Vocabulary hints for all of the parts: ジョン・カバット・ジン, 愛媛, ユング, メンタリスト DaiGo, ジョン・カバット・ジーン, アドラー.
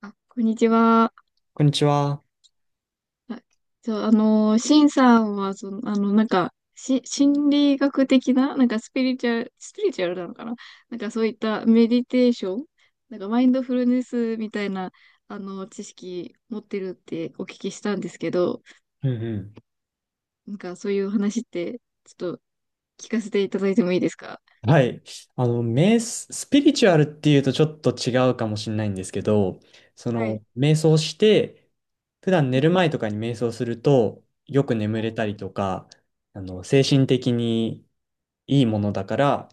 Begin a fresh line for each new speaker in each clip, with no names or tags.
あ、こんにちは。
こんにちは。
あ、そう、シンさんは、心理学的な、なんかスピリチュアル、スピリチュアルなのかな。なんかそういったメディテーション、なんかマインドフルネスみたいな、知識持ってるってお聞きしたんですけど、
うんう
なんかそういう話って、ちょっと聞かせていただいてもいいですか？
ん。はい。スピリチュアルっていうとちょっと違うかもしれないんですけど、
はい。
瞑想して、普段
う
寝
ん。な
る前とかに瞑想すると、よく眠れたりとか、精神的にいいものだから、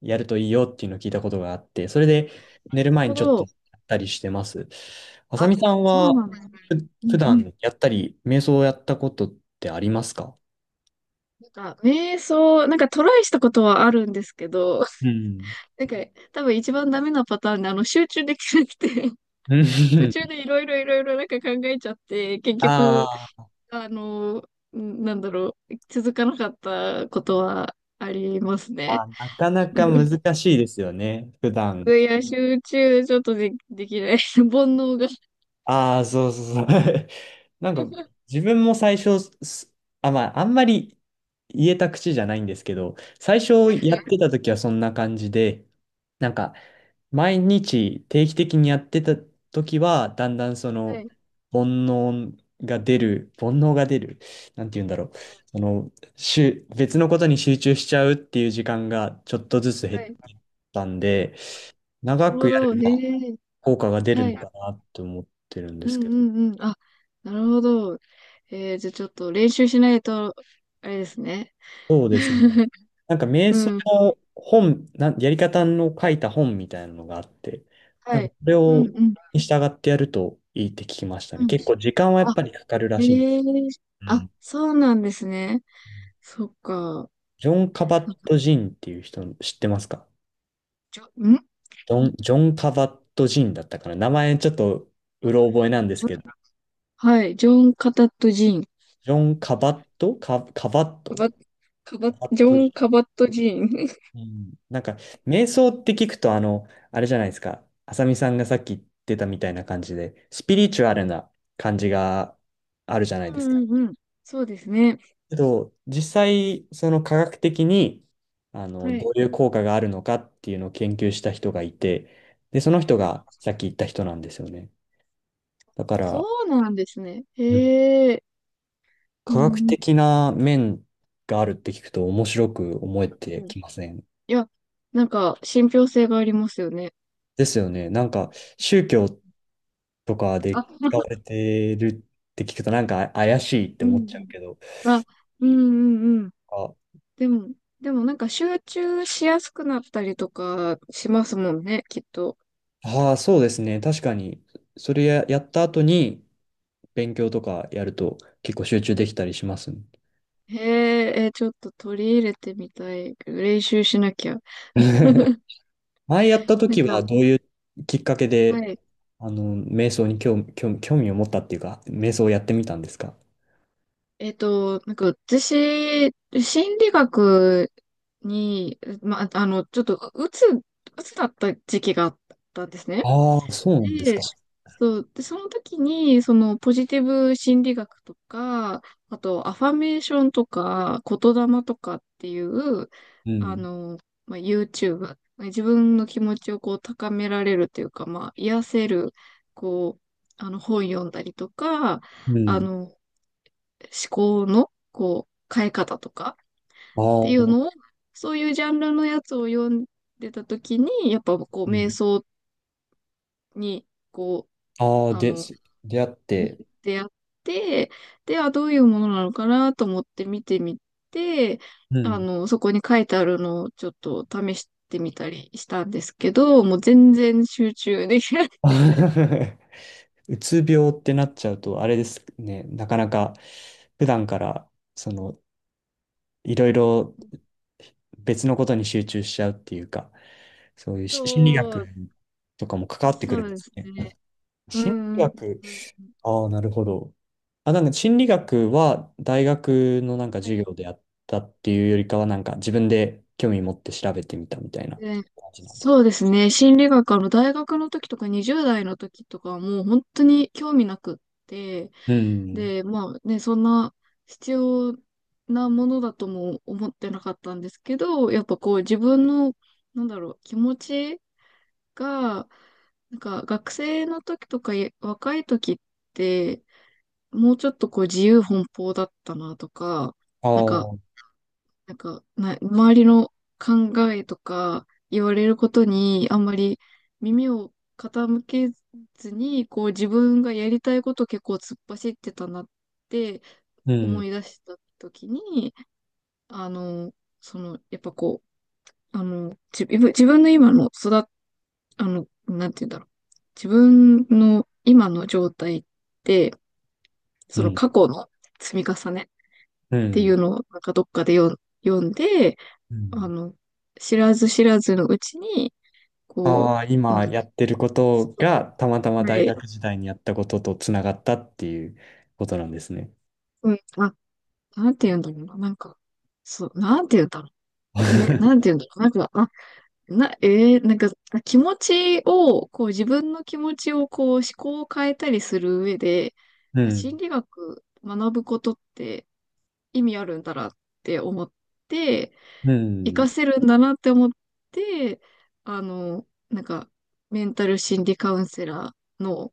やるといいよっていうのを聞いたことがあって、それで寝る
る
前に
ほ
ちょっとや
ど。
ったりしてます。あさ
あ、
みさん
そうな
は、
んですね。
ふ、
うん
普
うん。
段やったり、瞑想をやったことってありますか？
なんか瞑想、なんかトライしたことはあるんですけど、
うん。
なんか、多分一番ダメなパターンで、集中できなくて、
う
途
ん。
中でいろいろいろいろなんか考えちゃって、結 局、
ああ。
あの、続かなかったことはありますね。
あ、なかなか 難しいですよね、普
い
段。
や、集中ちょっとで、できない。煩悩が。
ああ、そうそうそう。なんか、
は
自分も最初、あんまり言えた口じゃないんですけど、最初やってた時はそんな感じで、なんか、毎日定期的にやってた時は、だんだん
い。はい。
煩悩が出る、煩悩が出る、なんて言うんだろう。別のことに集中しちゃうっていう時間がちょっとずつ
は
減っ
い。
たんで、
な
長
る
く
ほ
や
ど。
れば
へえ。
効果が出る
は
の
い。
かなって思ってるんで
うん
すけど。
うんうん。あ、なるほど。えー、じゃあちょっと練習しないと、あれですね。
そうですね。なんか瞑想
うん。
の本、やり方の書いた本みたいなのがあって、な
は
ん
い。
かそれ
うんう
を
ん。
に従ってやるといいって聞きましたね。
うん。
結構時間はやっ
あ、
ぱりかかるらしいんで
へえ。
す。う
あ、
ん。
そうなんですね。そっか。
ジョン・カバッ
なんか、
ト・ジンっていう人知ってますか？
ジョ、ん、
ジョン・カバット・ジンだったかな。名前ちょっとうろ覚えなんです
ジョン、
けど、
はい、ジョン・カタット・ジーン。
ジョン・カバット、カバッ
カ
ト、
バッ、カバ
カ
ッ、
バッ
ジョ
ト
ン・カバット・ジーン。
うん。なんか、瞑想って聞くと、あれじゃないですか。あさみさんがさっき言ってたみたいな感じで、スピリチュアルな感じがあるじゃないで
う
すか。
んうんうん。そうですね。
けど、実際、科学的に、
は
ど
い。
ういう効果があるのかっていうのを研究した人がいて、で、その人がさっき言った人なんですよね。だか
そ
ら、
うなんですね。
うん
へえ。
科
う
学
ん。
的な面があるって聞くと面白く思え
う
て
ん。い
きません？
や、なんか、信憑性がありますよね。
ですよね。なんか、宗教っとかで
あ、
使われてるって聞くとなんか怪しいって
う
思っちゃう
ん。
けど、
あ、うんうんうん。
あ、
でも、でもなんか集中しやすくなったりとかしますもんね、きっと。
あー、そうですね。確かに、それや、やった後に勉強とかやると結構集中できたりしますね。
へえ、え、ちょっと取り入れてみたい。練習しなきゃ。
前やった
なん
時
か、
はどういうきっかけ
は
で、
い。
瞑想に興味を持ったっていうか、瞑想をやってみたんですか？
えっと、なんか私、心理学に、ま、ちょっと、うつ、うつだった時期があったんですね。
ああー、そうなんです
で、
か。
そう、で、その時に、そのポジティブ心理学とか、あとアファメーションとか、言霊とかっていう、
う
あ
ん。
の、まあ、YouTube、まあ自分の気持ちをこう高められるというか、まあ、癒せる、こう、本読んだりとか、
うん。
思考の、こう、変え方とか
あ
っていうの
あ、
を、そういうジャンルのやつを読んでた時に、やっぱこ
う
う、瞑
ん。
想に、こ
ああ、
う、
で、出会っ
っ
て、
てやって、で、はどういうものなのかなと思って見てみて、
うん。
そこに書いてあるのをちょっと試してみたりしたんですけど、もう全然集中できない。
うつ病ってなっちゃうと、あれですね、なかなか普段から、いろいろ 別のことに集中しちゃうっていうか、そういう心理
そ
学
う、
とかも関わってく
そ
るん
う
で
で
す
す
ね。
ね。う
心理
ん
学、
うん。
ああ、なるほど。あ、なんか心理学は大学のなんか授業でやったっていうよりかは、なんか自分で興味持って調べてみたみたいな
で、
感じなんです
そ
か？
うですね。心理学、大学の時とか20代の時とかはもう本当に興味なくって、
うん。
で、まあね、そんな必要なものだとも思ってなかったんですけど、やっぱこう自分の、なんだろう、気持ちが、なんか学生の時とかい若い時って、もうちょっとこう自由奔放だったなとか、
あ
なんか
あ、
周りの考えとか言われることにあんまり耳を傾けずに、こう自分がやりたいことを結構突っ走ってたなって
う
思
ん、
い出した時に、あの、やっぱこう、自分、自分の今の育っ、あの、なんて言うんだろう。自分の今の状態って、
う
その
ん、
過去の積み重ねっ
う
てい
ん。
うのをなんかどっかで読んで、
う
あ
ん。
の、知らず知らずのうちに、こ
ああ、
う、な、
今やってること
そ
がたまた
う、
ま
は
大
い、
学時代にやったこととつながったっていうことなんですね。
うん、あ、なんて言うんだろうな、なんか、そう、なんて言うんだろう。え、なん て言うんだろう。なんか、あ、な、えー、なんか、あ、気持ちを、こう、自分の気持ちを、こう、思考を変えたりする上で、
う
あ、
ん。
心理学学ぶことって意味あるんだなって思って、
う
活
ん。
かせるんだなって思って、なんか、メンタル心理カウンセラーの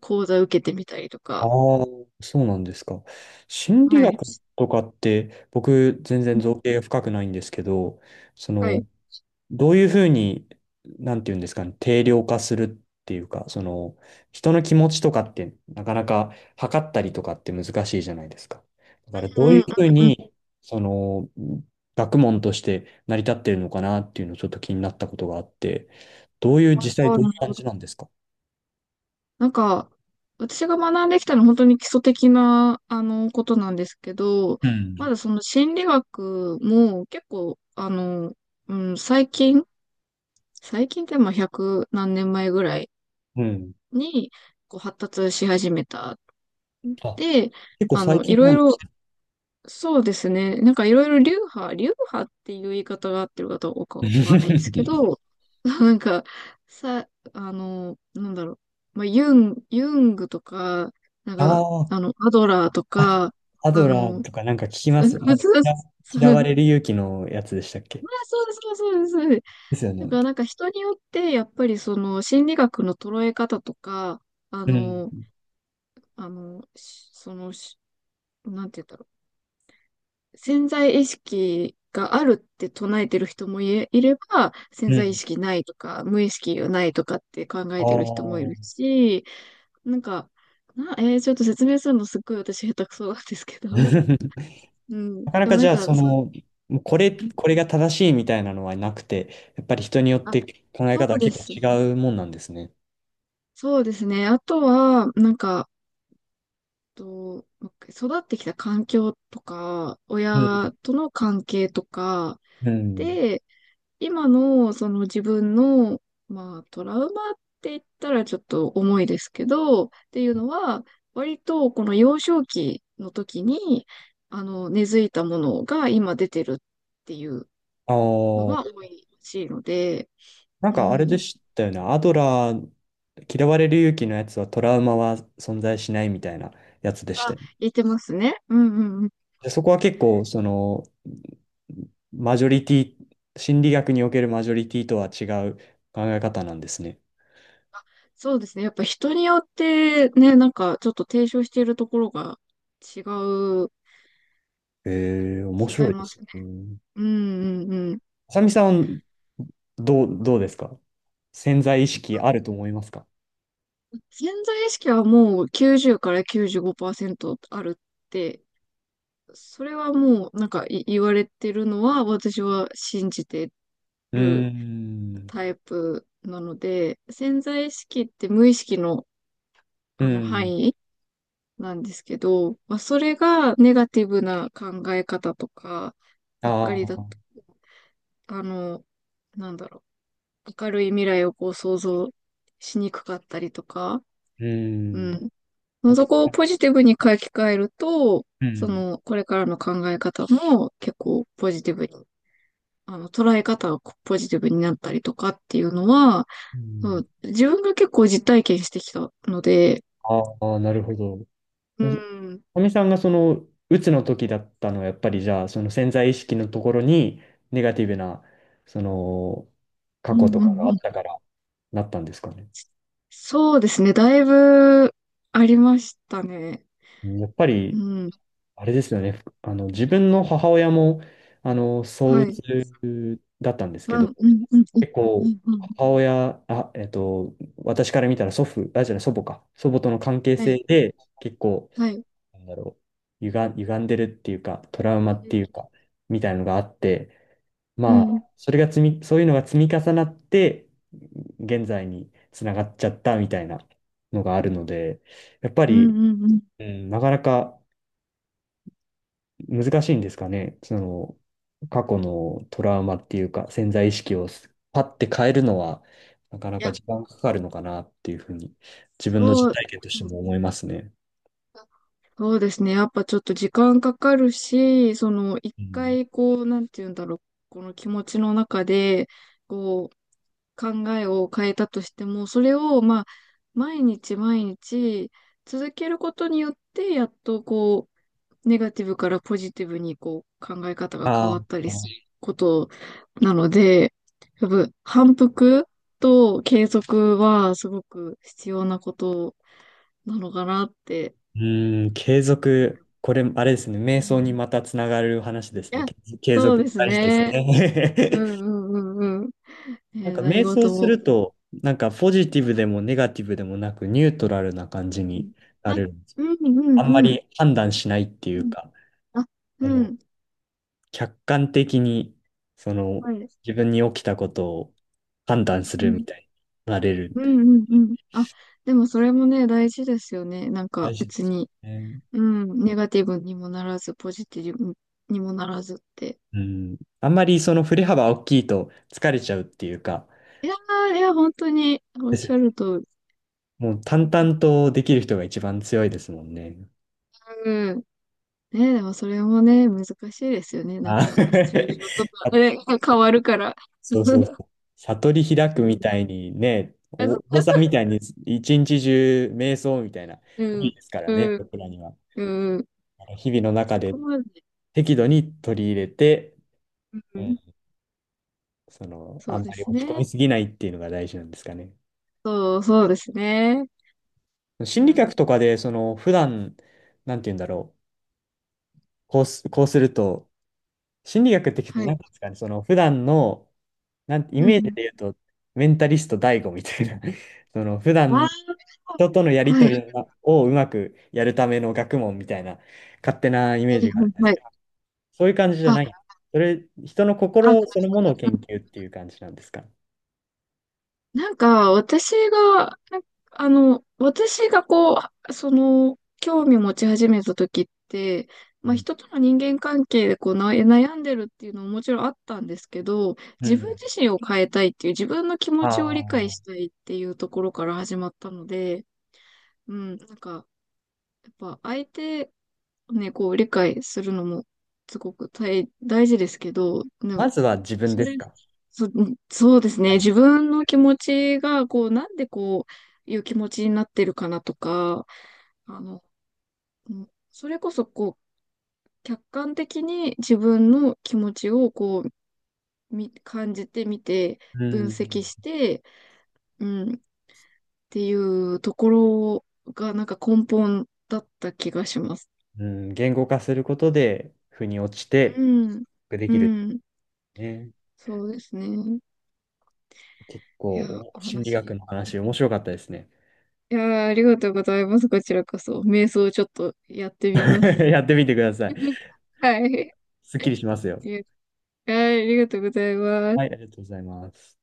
講座受けてみたりと
あ
か、
あ、そうなんですか。心理
はい。
学とかって僕全然造詣が深くないんですけど、そ
はい。
のどういうふうに、なんていうんですかね、定量化するっていうか、人の気持ちとかって、なかなか測ったりとかって難しいじゃないですか。だから、ど
う
う
んう
いう
ん
ふう
うん。
に、その、学問として成り立ってるのかなっていうのをちょっと気になったことがあって、どういう、実際
あー、
どうい
な
う
るほ
感
ど。
じなんですか？
なんか、私が学んできたのは本当に基礎的な、ことなんですけど、
う
ま
ん。
だその心理学も結構、最近、最近ってまあ100何年前ぐらい
うん。
に、こう発達し始めた。
あ、
で、
結構
あ
最
の、い
近
ろ
な
い
ん。
ろそうですね。なんかいろいろ流派、流派っていう言い方が合ってるかどうかわかんないんですけ ど、なんか、さ、なんだろう。まあ、ユン、ユングとか、なん
あ
か、
ー、
アドラーと
あ、
か、
ア
あ
ドラー
の、
とかなんか聞 き
そ
ます。な
う
んか
そうそ
嫌
う。
われる勇気のやつでしたっけ？
まあ、そうそうそうです。そうです。
ですよ
なん
ね。
か、なんか人によって、やっぱりその心理学の捉え方とか、あ
うん。
の、その、し、なんて言ったら、潜在意識があるって唱えてる人もいれ、いれば、潜
う
在意
ん。
識ないとか、無意識がないとかって考え
あ
てる人もいる
あ。
し、なんか、な、えー、ちょっと説明するのすっごい私下手くそなんですけど。う ん。
なかな
でも
か
な
じ
ん
ゃあ、
か、そう、
もうこれ、
うん、
これが正しいみたいなのはなくて、やっぱり人によっ
あ、
て考え
そ
方は
うで
結構
す。
違うもんなんですね。
そうですね。あとは、なんか、と、育ってきた環境とか、
うん。
親との関係とか、
うん。
で、今のその自分の、まあ、トラウマって言ったらちょっと重いですけど、っていうのは、割とこの幼少期の時に、根付いたものが今出てるっていう
あ
のが
あ。
多いらしいので、
なん
う
かあれで
ん。
したよね。アドラー、嫌われる勇気のやつはトラウマは存在しないみたいなやつでした
あ、
よね。
言ってますね。うんうんうん。
で、そこは結構、マジョリティ、心理学におけるマジョリティとは違う考え方なんですね。
そうですね。やっぱ人によってね、なんかちょっと提唱しているところが違う、
ええ、面
違
白
い
いで
ま
す
すね。
ね。
うんうんうん。
あさみさんはどうですか？潜在意識あると思いますか？
潜在意識はもう90から95%あるって、それはもうなんかい言われてるのは私は信じて
うー
る
ん。
タイプなので、潜在意識って無意識の
う
あの範
ん。
囲なんですけど、まあ、それがネガティブな考え方とか
あ
ばっかりだと、
あ。
あの、なんだろう、明るい未来をこう想像しにくかったりとか、
う
う
ん。
ん、
なん
そ
か、
こをポジティブに書き換えると、
う
そ
ん。
の、これからの考え方も結構ポジティブに、捉え方がポジティブになったりとかっていうのは、
う
う
ん。
ん、自分が結構実体験してきたので、
ああ、なるほど。
うん、
かみさんがうつの時だったのは、やっぱりじゃあ、その潜在意識のところに、ネガティブな、その、
う
過
ん
去とかが
うん
あ
うん。
ったから、なったんですかね。
そうですね、だいぶありましたね。
うん。やっぱ
う
り、
ん、
あれですよね。自分の母親も、躁
はい。
鬱だったんですけ
う
ど、
ん、うん、うん、うん、
結
う
構、
ん、うん、
母親、私から見たら祖父、あ、じゃない、祖母か。祖母との関係
は
性
い、
で、結構、
はい。
なんだろう、歪んでるっていうか、トラウマ
う
って
ん、
いうか、みたいなのがあって、
う
まあ、
ん、
そういうのが積み重なって、現在につながっちゃったみたいなのがあるので、やっぱ
うん、
り、
うん。うん、い
うん、なかなか難しいんですかね。過去のトラウマっていうか、潜在意識をパッて変えるのは、なかなか
や、
時間かかるのかなっていうふうに、自分の
そ
実
う。
体験としても思いますね。
そうですね。やっぱちょっと時間かかるし、その一
うん。
回こう、なんて言うんだろう、この気持ちの中で、こう、考えを変えたとしても、それをまあ、毎日毎日続けることによって、やっとこう、ネガティブからポジティブにこう、考え方が変
あ
わったりする
あ、
ことなので、やっぱ反復と継続はすごく必要なことなのかなって。
うん、継続。これ、あれですね。瞑想にまたつながる話です
い
ね。
や、
継
そ
続
うです
大事です
ね。う
ね。
んう んうんうん。
な
え、
んか
何
瞑想
事
す
も。
ると、なんかポジティブでもネガティブでもなくニュートラルな感じ
うん、
にな
あ、
る。
うんうん
あんま
うん。
り判断しないってい
う
う
ん、
か、
あ、
あ
う
の、
ん。
客観的に、その、
はいです。
自分に起きたことを判断す
う
るみ
ん。
たいになれる。
うんうんうん。あ、でもそれもね、大事ですよね。なん
大
か
事で
別
す
に、
よね。
うん、ネガティブにもならず、ポジティブにもならずって。
うん。あんまりその振れ幅大きいと疲れちゃうっていうか、
いやー、いや、本当におっ
です
し
よ
ゃ
ね。
るとり。
もう淡々とできる人が一番強いですもんね。
うん。ね、でもそれもね、難しいですよね。なん
あ。
か、シチュエー ションとか、
あ、
ね、変わるから。
そうそうそ う。悟り開
う
くみ
ん。
たいにね、お坊さんみたいに一日中瞑想みたいな、
う
無理
ん、
ですから
う
ね、
ん、
僕らには。
うん。
あの日々の中
そ
で
こまで。
適度に取り入れて、
う
うん。
ん、そ
あ
う
ん
で
まり
す
落ち込み
ね。
すぎないっていうのが大事なんですかね。
そう、そうですね。う
心理学
ん、
とかで、普段、なんて言うんだろう、こうすると、心理学って、
は
な
い。
んていうんですかね、普段の、イ
う
メージで
ん。
言うと、メンタリスト DA みたいな、普
ああ、
段、人とのやり
は
と
い。
りをうまくやるための学問みたいな、勝手なイメ
は
ー
い
ジがあるんです
はい。
けど、そういう感じじゃない。
あ、
人の
あ、
心そのものを研究っていう感じなんですか？
なんか、私が、なんかあの、私がこう、その、興味持ち始めた時って、
う
まあ、
ん。
人との人間関係でこうな悩んでるっていうのももちろんあったんですけど、
う
自分
ん。
自身を変えたいっていう、自分の気持ちを理解
あ
し
あ、
たいっていうところから始まったので、うん、なんか、やっぱ相手をね、こう理解するのもすごく大、大事ですけど、でも
まずは自分
そ
です
れ、
か？
そ、そうですね、自分の気持ちが、こう、なんでこういう気持ちになってるかなとか、あの、うん、それこそこう、客観的に自分の気持ちをこう、み、感じてみて、
う
分析
ん、
して、うん、っていうところが、なんか根本だった気がします。
うん、言語化することで、腑に落ち
う
て、
ん、
で
う
きる
ん。
ね。
そうですね。
結
いや、
構、
お
心理
話。
学
い
の話、面白かったですね。
や、ありがとうございます。こちらこそ。瞑想をちょっとやってみま す。
やってみてください。
はい。
すっきりしますよ。
いや、はい、ありがとうございま
はい、
す。
ありがとうございます。